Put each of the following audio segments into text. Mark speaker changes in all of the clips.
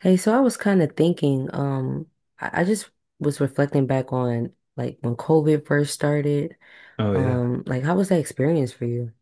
Speaker 1: Hey, so I was kind of thinking, I just was reflecting back on like when COVID first started.
Speaker 2: Oh yeah.
Speaker 1: Like how was that experience for you?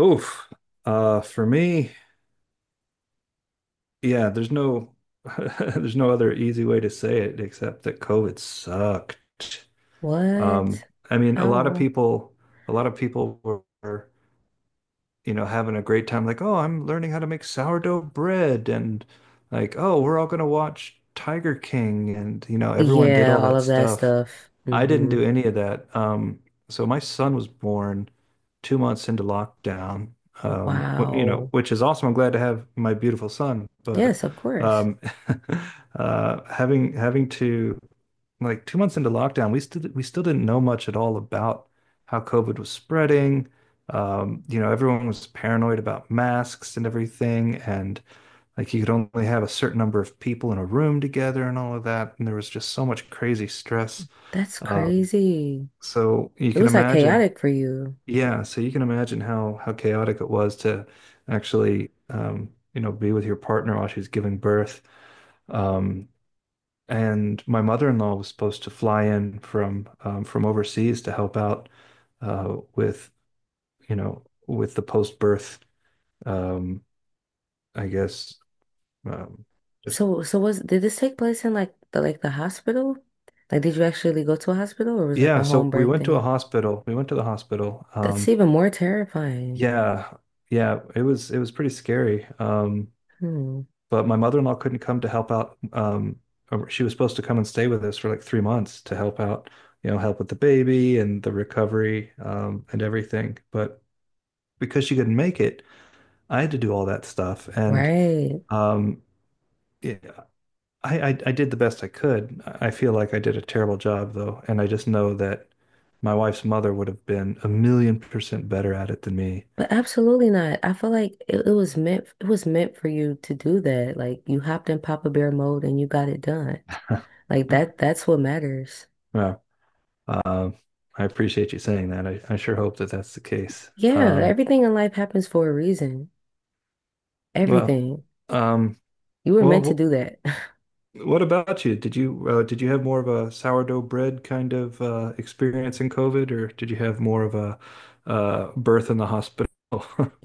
Speaker 2: Oof. For me, yeah, there's no there's no other easy way to say it except that COVID sucked. Um,
Speaker 1: What?
Speaker 2: I mean, a lot of
Speaker 1: How?
Speaker 2: people a lot of people were, you know, having a great time like, "Oh, I'm learning how to make sourdough bread." And like, "Oh, we're all going to watch Tiger King." And you know, everyone did
Speaker 1: Yeah,
Speaker 2: all
Speaker 1: all
Speaker 2: that
Speaker 1: of that
Speaker 2: stuff.
Speaker 1: stuff.
Speaker 2: I didn't do any of that. So my son was born 2 months into lockdown, you know,
Speaker 1: Wow.
Speaker 2: which is awesome. I'm glad to have my beautiful son, but
Speaker 1: Yes, of course.
Speaker 2: um, having to like 2 months into lockdown, we still didn't know much at all about how COVID was spreading. You know, everyone was paranoid about masks and everything, and like you could only have a certain number of people in a room together and all of that. And there was just so much crazy stress.
Speaker 1: That's
Speaker 2: Um,
Speaker 1: crazy.
Speaker 2: so you
Speaker 1: It
Speaker 2: can
Speaker 1: was like
Speaker 2: imagine,
Speaker 1: chaotic for you.
Speaker 2: yeah, so you can imagine how chaotic it was to actually you know, be with your partner while she's giving birth. Um, and my mother-in-law was supposed to fly in from overseas to help out with, you know, with the post-birth um, I guess um, just
Speaker 1: So was did this take place in like the hospital? Like, did you actually go to a hospital, or was it like
Speaker 2: yeah,
Speaker 1: a
Speaker 2: so
Speaker 1: home
Speaker 2: we
Speaker 1: birth
Speaker 2: went to a
Speaker 1: thing?
Speaker 2: hospital. We went to the hospital.
Speaker 1: That's even more terrifying.
Speaker 2: Yeah. Yeah, it was pretty scary.
Speaker 1: Hmm.
Speaker 2: But my mother-in-law couldn't come to help out. She was supposed to come and stay with us for like 3 months to help out, you know, help with the baby and the recovery, and everything. But because she couldn't make it, I had to do all that stuff. And
Speaker 1: Right.
Speaker 2: um, it, I did the best I could. I feel like I did a terrible job though, and I just know that my wife's mother would have been 1,000,000% better at it than me.
Speaker 1: But absolutely not. I feel like it was meant for you to do that. Like you hopped in Papa Bear mode and you got it done. Like that's what matters.
Speaker 2: Well, um, I appreciate you saying that. I sure hope that that's the case.
Speaker 1: Yeah,
Speaker 2: Um,
Speaker 1: everything in life happens for a reason.
Speaker 2: Well,
Speaker 1: Everything.
Speaker 2: um,
Speaker 1: You were meant to
Speaker 2: well,
Speaker 1: do that.
Speaker 2: what about you? Did you did you have more of a sourdough bread kind of experience in COVID, or did you have more of a birth in the hospital?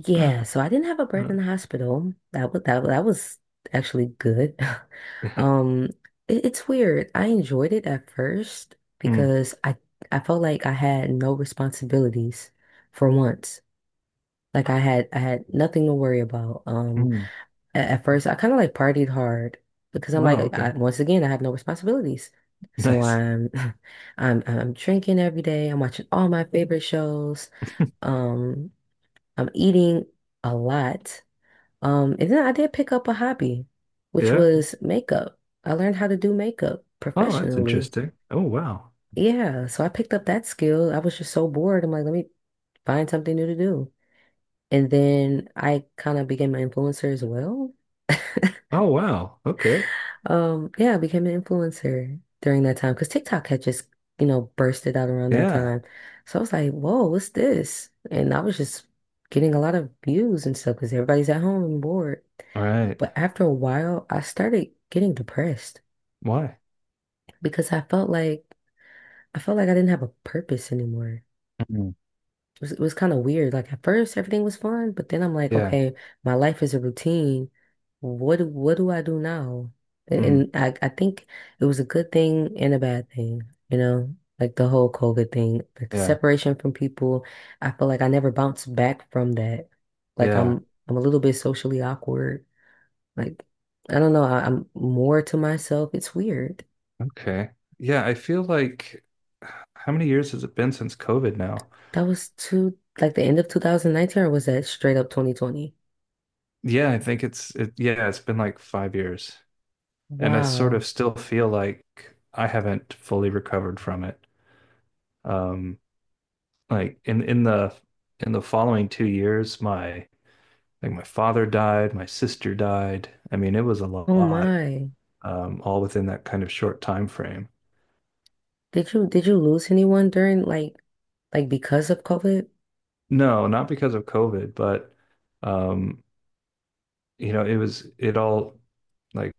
Speaker 1: Yeah, so I didn't have a birth in the hospital. That was that was actually good.
Speaker 2: Yeah.
Speaker 1: Um it's weird. I enjoyed it at first
Speaker 2: Mm,
Speaker 1: because I felt like I had no responsibilities for once. Like I had nothing to worry about.
Speaker 2: mm.
Speaker 1: First I kind of like partied hard because I'm
Speaker 2: Wow.
Speaker 1: like
Speaker 2: Okay.
Speaker 1: once again I have no responsibilities. So
Speaker 2: Nice.
Speaker 1: I'm I'm drinking every day. I'm watching all my favorite shows. Um, I'm eating a lot. And then I did pick up a hobby, which
Speaker 2: Yeah.
Speaker 1: was makeup. I learned how to do makeup
Speaker 2: Oh, that's
Speaker 1: professionally.
Speaker 2: interesting. Oh, wow.
Speaker 1: Yeah, so I picked up that skill. I was just so bored. I'm like, let me find something new to do. And then I kind of became an influencer as well.
Speaker 2: Oh, wow. Okay.
Speaker 1: Yeah, I became an influencer during that time because TikTok had just, you know, bursted out around that
Speaker 2: Yeah.
Speaker 1: time. So I was like, whoa, what's this? And I was just getting a lot of views and stuff because everybody's at home and bored.
Speaker 2: All right.
Speaker 1: But after a while, I started getting depressed
Speaker 2: Why?
Speaker 1: because I felt like I didn't have a purpose anymore.
Speaker 2: Mm.
Speaker 1: It was kind of weird. Like at first everything was fun, but then I'm like,
Speaker 2: Yeah.
Speaker 1: okay, my life is a routine. What do I do now?
Speaker 2: Mm.
Speaker 1: And I think it was a good thing and a bad thing, you know, like the whole COVID thing, like the
Speaker 2: Yeah.
Speaker 1: separation from people. I feel like I never bounced back from that. Like
Speaker 2: Yeah.
Speaker 1: I'm a little bit socially awkward. Like I don't know, I'm more to myself. It's weird.
Speaker 2: Okay. Yeah. I feel like how many years has it been since COVID now?
Speaker 1: That was two like the end of 2019 or was that straight up 2020?
Speaker 2: Yeah, I think it's it yeah, it's been like 5 years. And I sort
Speaker 1: Wow.
Speaker 2: of still feel like I haven't fully recovered from it. Um like in the following 2 years, my father died, my sister died. I mean, it was a
Speaker 1: Oh
Speaker 2: lot,
Speaker 1: my.
Speaker 2: all within that kind of short time frame.
Speaker 1: Did you lose anyone during like because of COVID?
Speaker 2: No, not because of COVID, but um, you know, it was it all like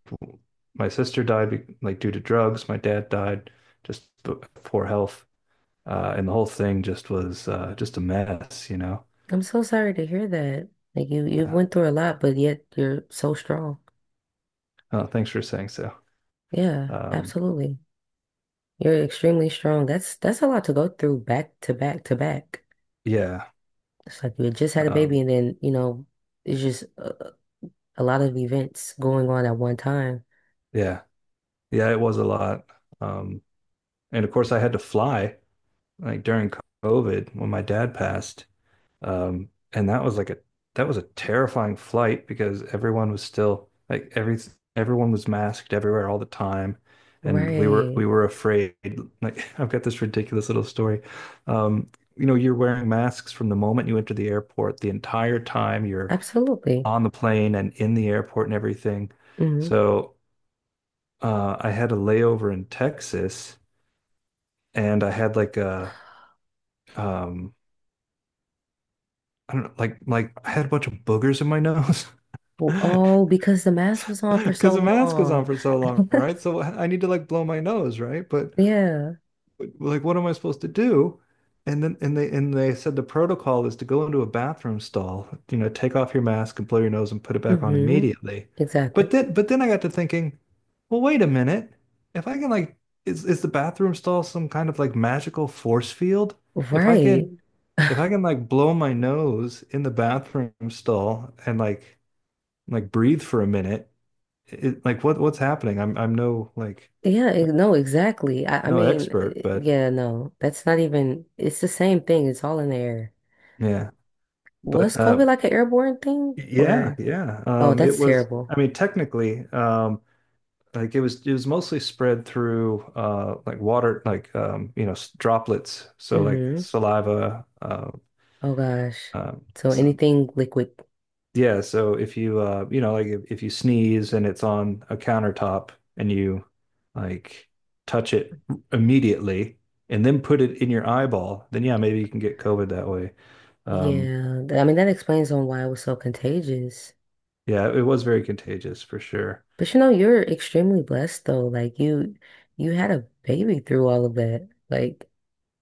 Speaker 2: my sister died like due to drugs, my dad died just b- poor health. And the whole thing just was just a mess, you know.
Speaker 1: I'm so sorry to hear that. Like you
Speaker 2: Yeah.
Speaker 1: went through a lot, but yet you're so strong.
Speaker 2: Oh, thanks for saying so.
Speaker 1: Yeah,
Speaker 2: Um,
Speaker 1: absolutely. You're extremely strong. That's a lot to go through back to back to back.
Speaker 2: yeah,
Speaker 1: It's like you had just had a
Speaker 2: um,
Speaker 1: baby and then, you know, it's just a lot of events going on at one time.
Speaker 2: yeah, yeah. It was a lot, um, and of course, I had to fly like during COVID when my dad passed. And that was like a that was a terrifying flight because everyone was still everyone was masked everywhere all the time, and we were
Speaker 1: Right.
Speaker 2: we were afraid. Like I've got this ridiculous little story. Um, you know, you're wearing masks from the moment you enter the airport, the entire time you're
Speaker 1: Absolutely.
Speaker 2: on the plane and in the airport and everything.
Speaker 1: hmm
Speaker 2: So I had a layover in Texas, and I had like a um, I don't know, like I had a bunch of boogers in my nose.
Speaker 1: Well, oh, because the mask was on for so
Speaker 2: Because the mask goes on
Speaker 1: long.
Speaker 2: for so long, right? So I need to like blow my nose, right? But
Speaker 1: Yeah.
Speaker 2: like, what am I supposed to do? And they said the protocol is to go into a bathroom stall, you know, take off your mask and blow your nose and put it back on
Speaker 1: hmm
Speaker 2: immediately. But
Speaker 1: Exactly.
Speaker 2: then but then I got to thinking, well, wait a minute. If I can like, is the bathroom stall some kind of like magical force field? If I
Speaker 1: Right.
Speaker 2: can if I can like blow my nose in the bathroom stall and like breathe for a minute like what's happening? I'm no like
Speaker 1: Yeah, no, exactly. I
Speaker 2: no
Speaker 1: mean,
Speaker 2: expert, but
Speaker 1: yeah, no, that's not even, it's the same thing. It's all in the air.
Speaker 2: yeah,
Speaker 1: Was
Speaker 2: but
Speaker 1: COVID like an airborne thing? Or,
Speaker 2: yeah.
Speaker 1: oh,
Speaker 2: It
Speaker 1: that's
Speaker 2: was.
Speaker 1: terrible.
Speaker 2: I mean, technically, like it was. It was mostly spread through like water, like you know, droplets. So like
Speaker 1: hmm
Speaker 2: saliva,
Speaker 1: Oh gosh.
Speaker 2: um,
Speaker 1: So
Speaker 2: s-
Speaker 1: anything liquid.
Speaker 2: yeah, so if you you know like if you sneeze and it's on a countertop and you like touch it immediately and then put it in your eyeball, then yeah, maybe you can get COVID that way. Um
Speaker 1: Yeah, I mean, that explains on why it was so contagious.
Speaker 2: yeah, it was very contagious for sure.
Speaker 1: But you know, you're extremely blessed though. You had a baby through all of that. Like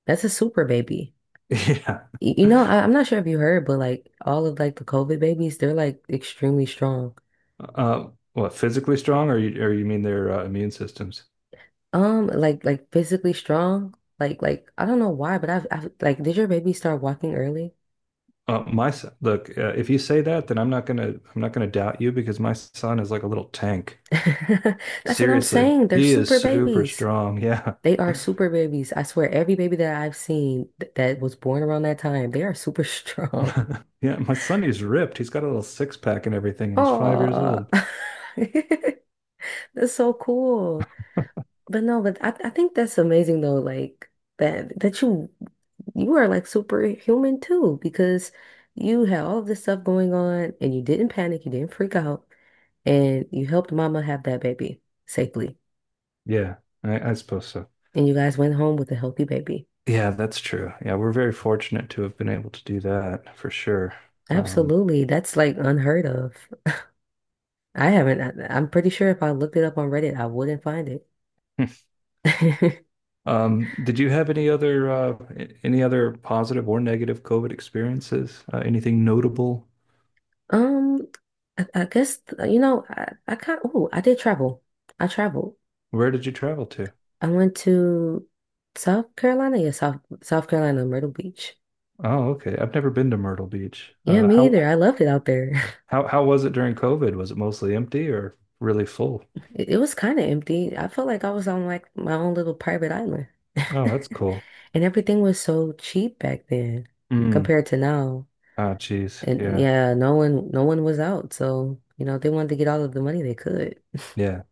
Speaker 1: that's a super baby.
Speaker 2: Yeah.
Speaker 1: You know, I'm not sure if you heard, but like all of like the COVID babies, they're like extremely strong.
Speaker 2: Uh, what, physically strong or you mean their immune systems?
Speaker 1: Like physically strong. Like I don't know why, but I've did your baby start walking early?
Speaker 2: My son, look, if you say that, then I'm not gonna doubt you because my son is like a little tank.
Speaker 1: That's what I'm
Speaker 2: Seriously,
Speaker 1: saying. They're
Speaker 2: he is
Speaker 1: super
Speaker 2: super
Speaker 1: babies.
Speaker 2: strong. Yeah.
Speaker 1: They are super babies. I swear, every baby that I've seen th that was born around that time, they are super strong.
Speaker 2: Yeah, my son, he's ripped. He's got a little six pack and everything, and he's 5 years
Speaker 1: Oh,
Speaker 2: old.
Speaker 1: that's so cool. But no, but I think that's amazing though, like that that you are like superhuman too, because you had all of this stuff going on and you didn't panic, you didn't freak out, and you helped mama have that baby safely.
Speaker 2: Yeah, I suppose so.
Speaker 1: And you guys went home with a healthy baby.
Speaker 2: Yeah, that's true. Yeah, we're very fortunate to have been able to do that for sure. Um,
Speaker 1: Absolutely. That's like unheard of. I'm pretty sure if I looked it up on Reddit, I wouldn't find it.
Speaker 2: did you have any other any other positive or negative COVID experiences? Anything notable?
Speaker 1: Um, I guess, you know, I kind of, oh, I did travel. I traveled.
Speaker 2: Where did you travel to?
Speaker 1: I went to South Carolina, yeah, South Carolina, Myrtle Beach.
Speaker 2: Oh, okay. I've never been to Myrtle Beach.
Speaker 1: Yeah,
Speaker 2: Uh,
Speaker 1: me
Speaker 2: how
Speaker 1: either. I loved it out there.
Speaker 2: how how was it during COVID? Was it mostly empty or really full?
Speaker 1: It was kind of empty. I felt like I was on like my own little private island.
Speaker 2: Oh, that's cool.
Speaker 1: And everything was so cheap back then
Speaker 2: Mm.
Speaker 1: compared to now.
Speaker 2: Oh, geez.
Speaker 1: And
Speaker 2: Yeah.
Speaker 1: yeah, no one was out, so you know, they wanted to get all of the money they could.
Speaker 2: Yeah.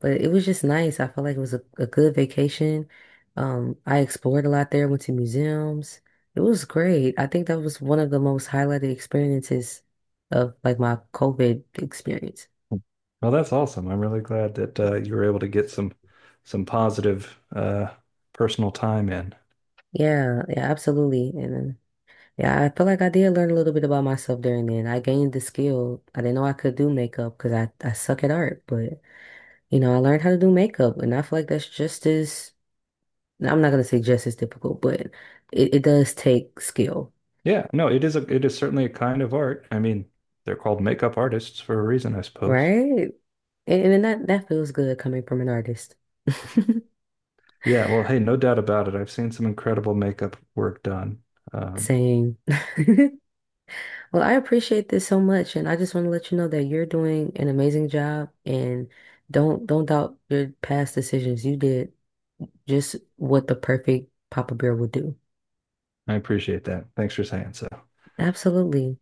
Speaker 1: But it was just nice. I felt like it was a good vacation. I explored a lot there, went to museums. It was great. I think that was one of the most highlighted experiences of like my COVID experience.
Speaker 2: Well, that's awesome. I'm really glad that you were able to get some positive personal time in.
Speaker 1: Yeah, yeah, absolutely. And then, yeah, I feel like I did learn a little bit about myself during then. I gained the skill. I didn't know I could do makeup because I suck at art, but you know, I learned how to do makeup and I feel like I'm not gonna say just as difficult, but it does take skill,
Speaker 2: Yeah, no, it is certainly a kind of art. I mean, they're called makeup artists for a reason, I suppose.
Speaker 1: right? And, and that feels good coming from an artist.
Speaker 2: Yeah, well, hey, no doubt about it. I've seen some incredible makeup work done. Um,
Speaker 1: Same. Well, I appreciate this so much, and I just want to let you know that you're doing an amazing job, and don't doubt your past decisions. You did just what the perfect Papa Bear would do.
Speaker 2: I appreciate that. Thanks for saying so.
Speaker 1: Absolutely.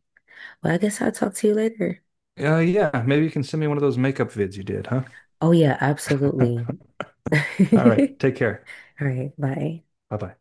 Speaker 1: Well, I guess I'll talk to you later.
Speaker 2: Yeah, maybe you can send me one of those makeup vids you did, huh?
Speaker 1: Oh yeah, absolutely. All
Speaker 2: All right, take care.
Speaker 1: right, bye.
Speaker 2: Bye bye.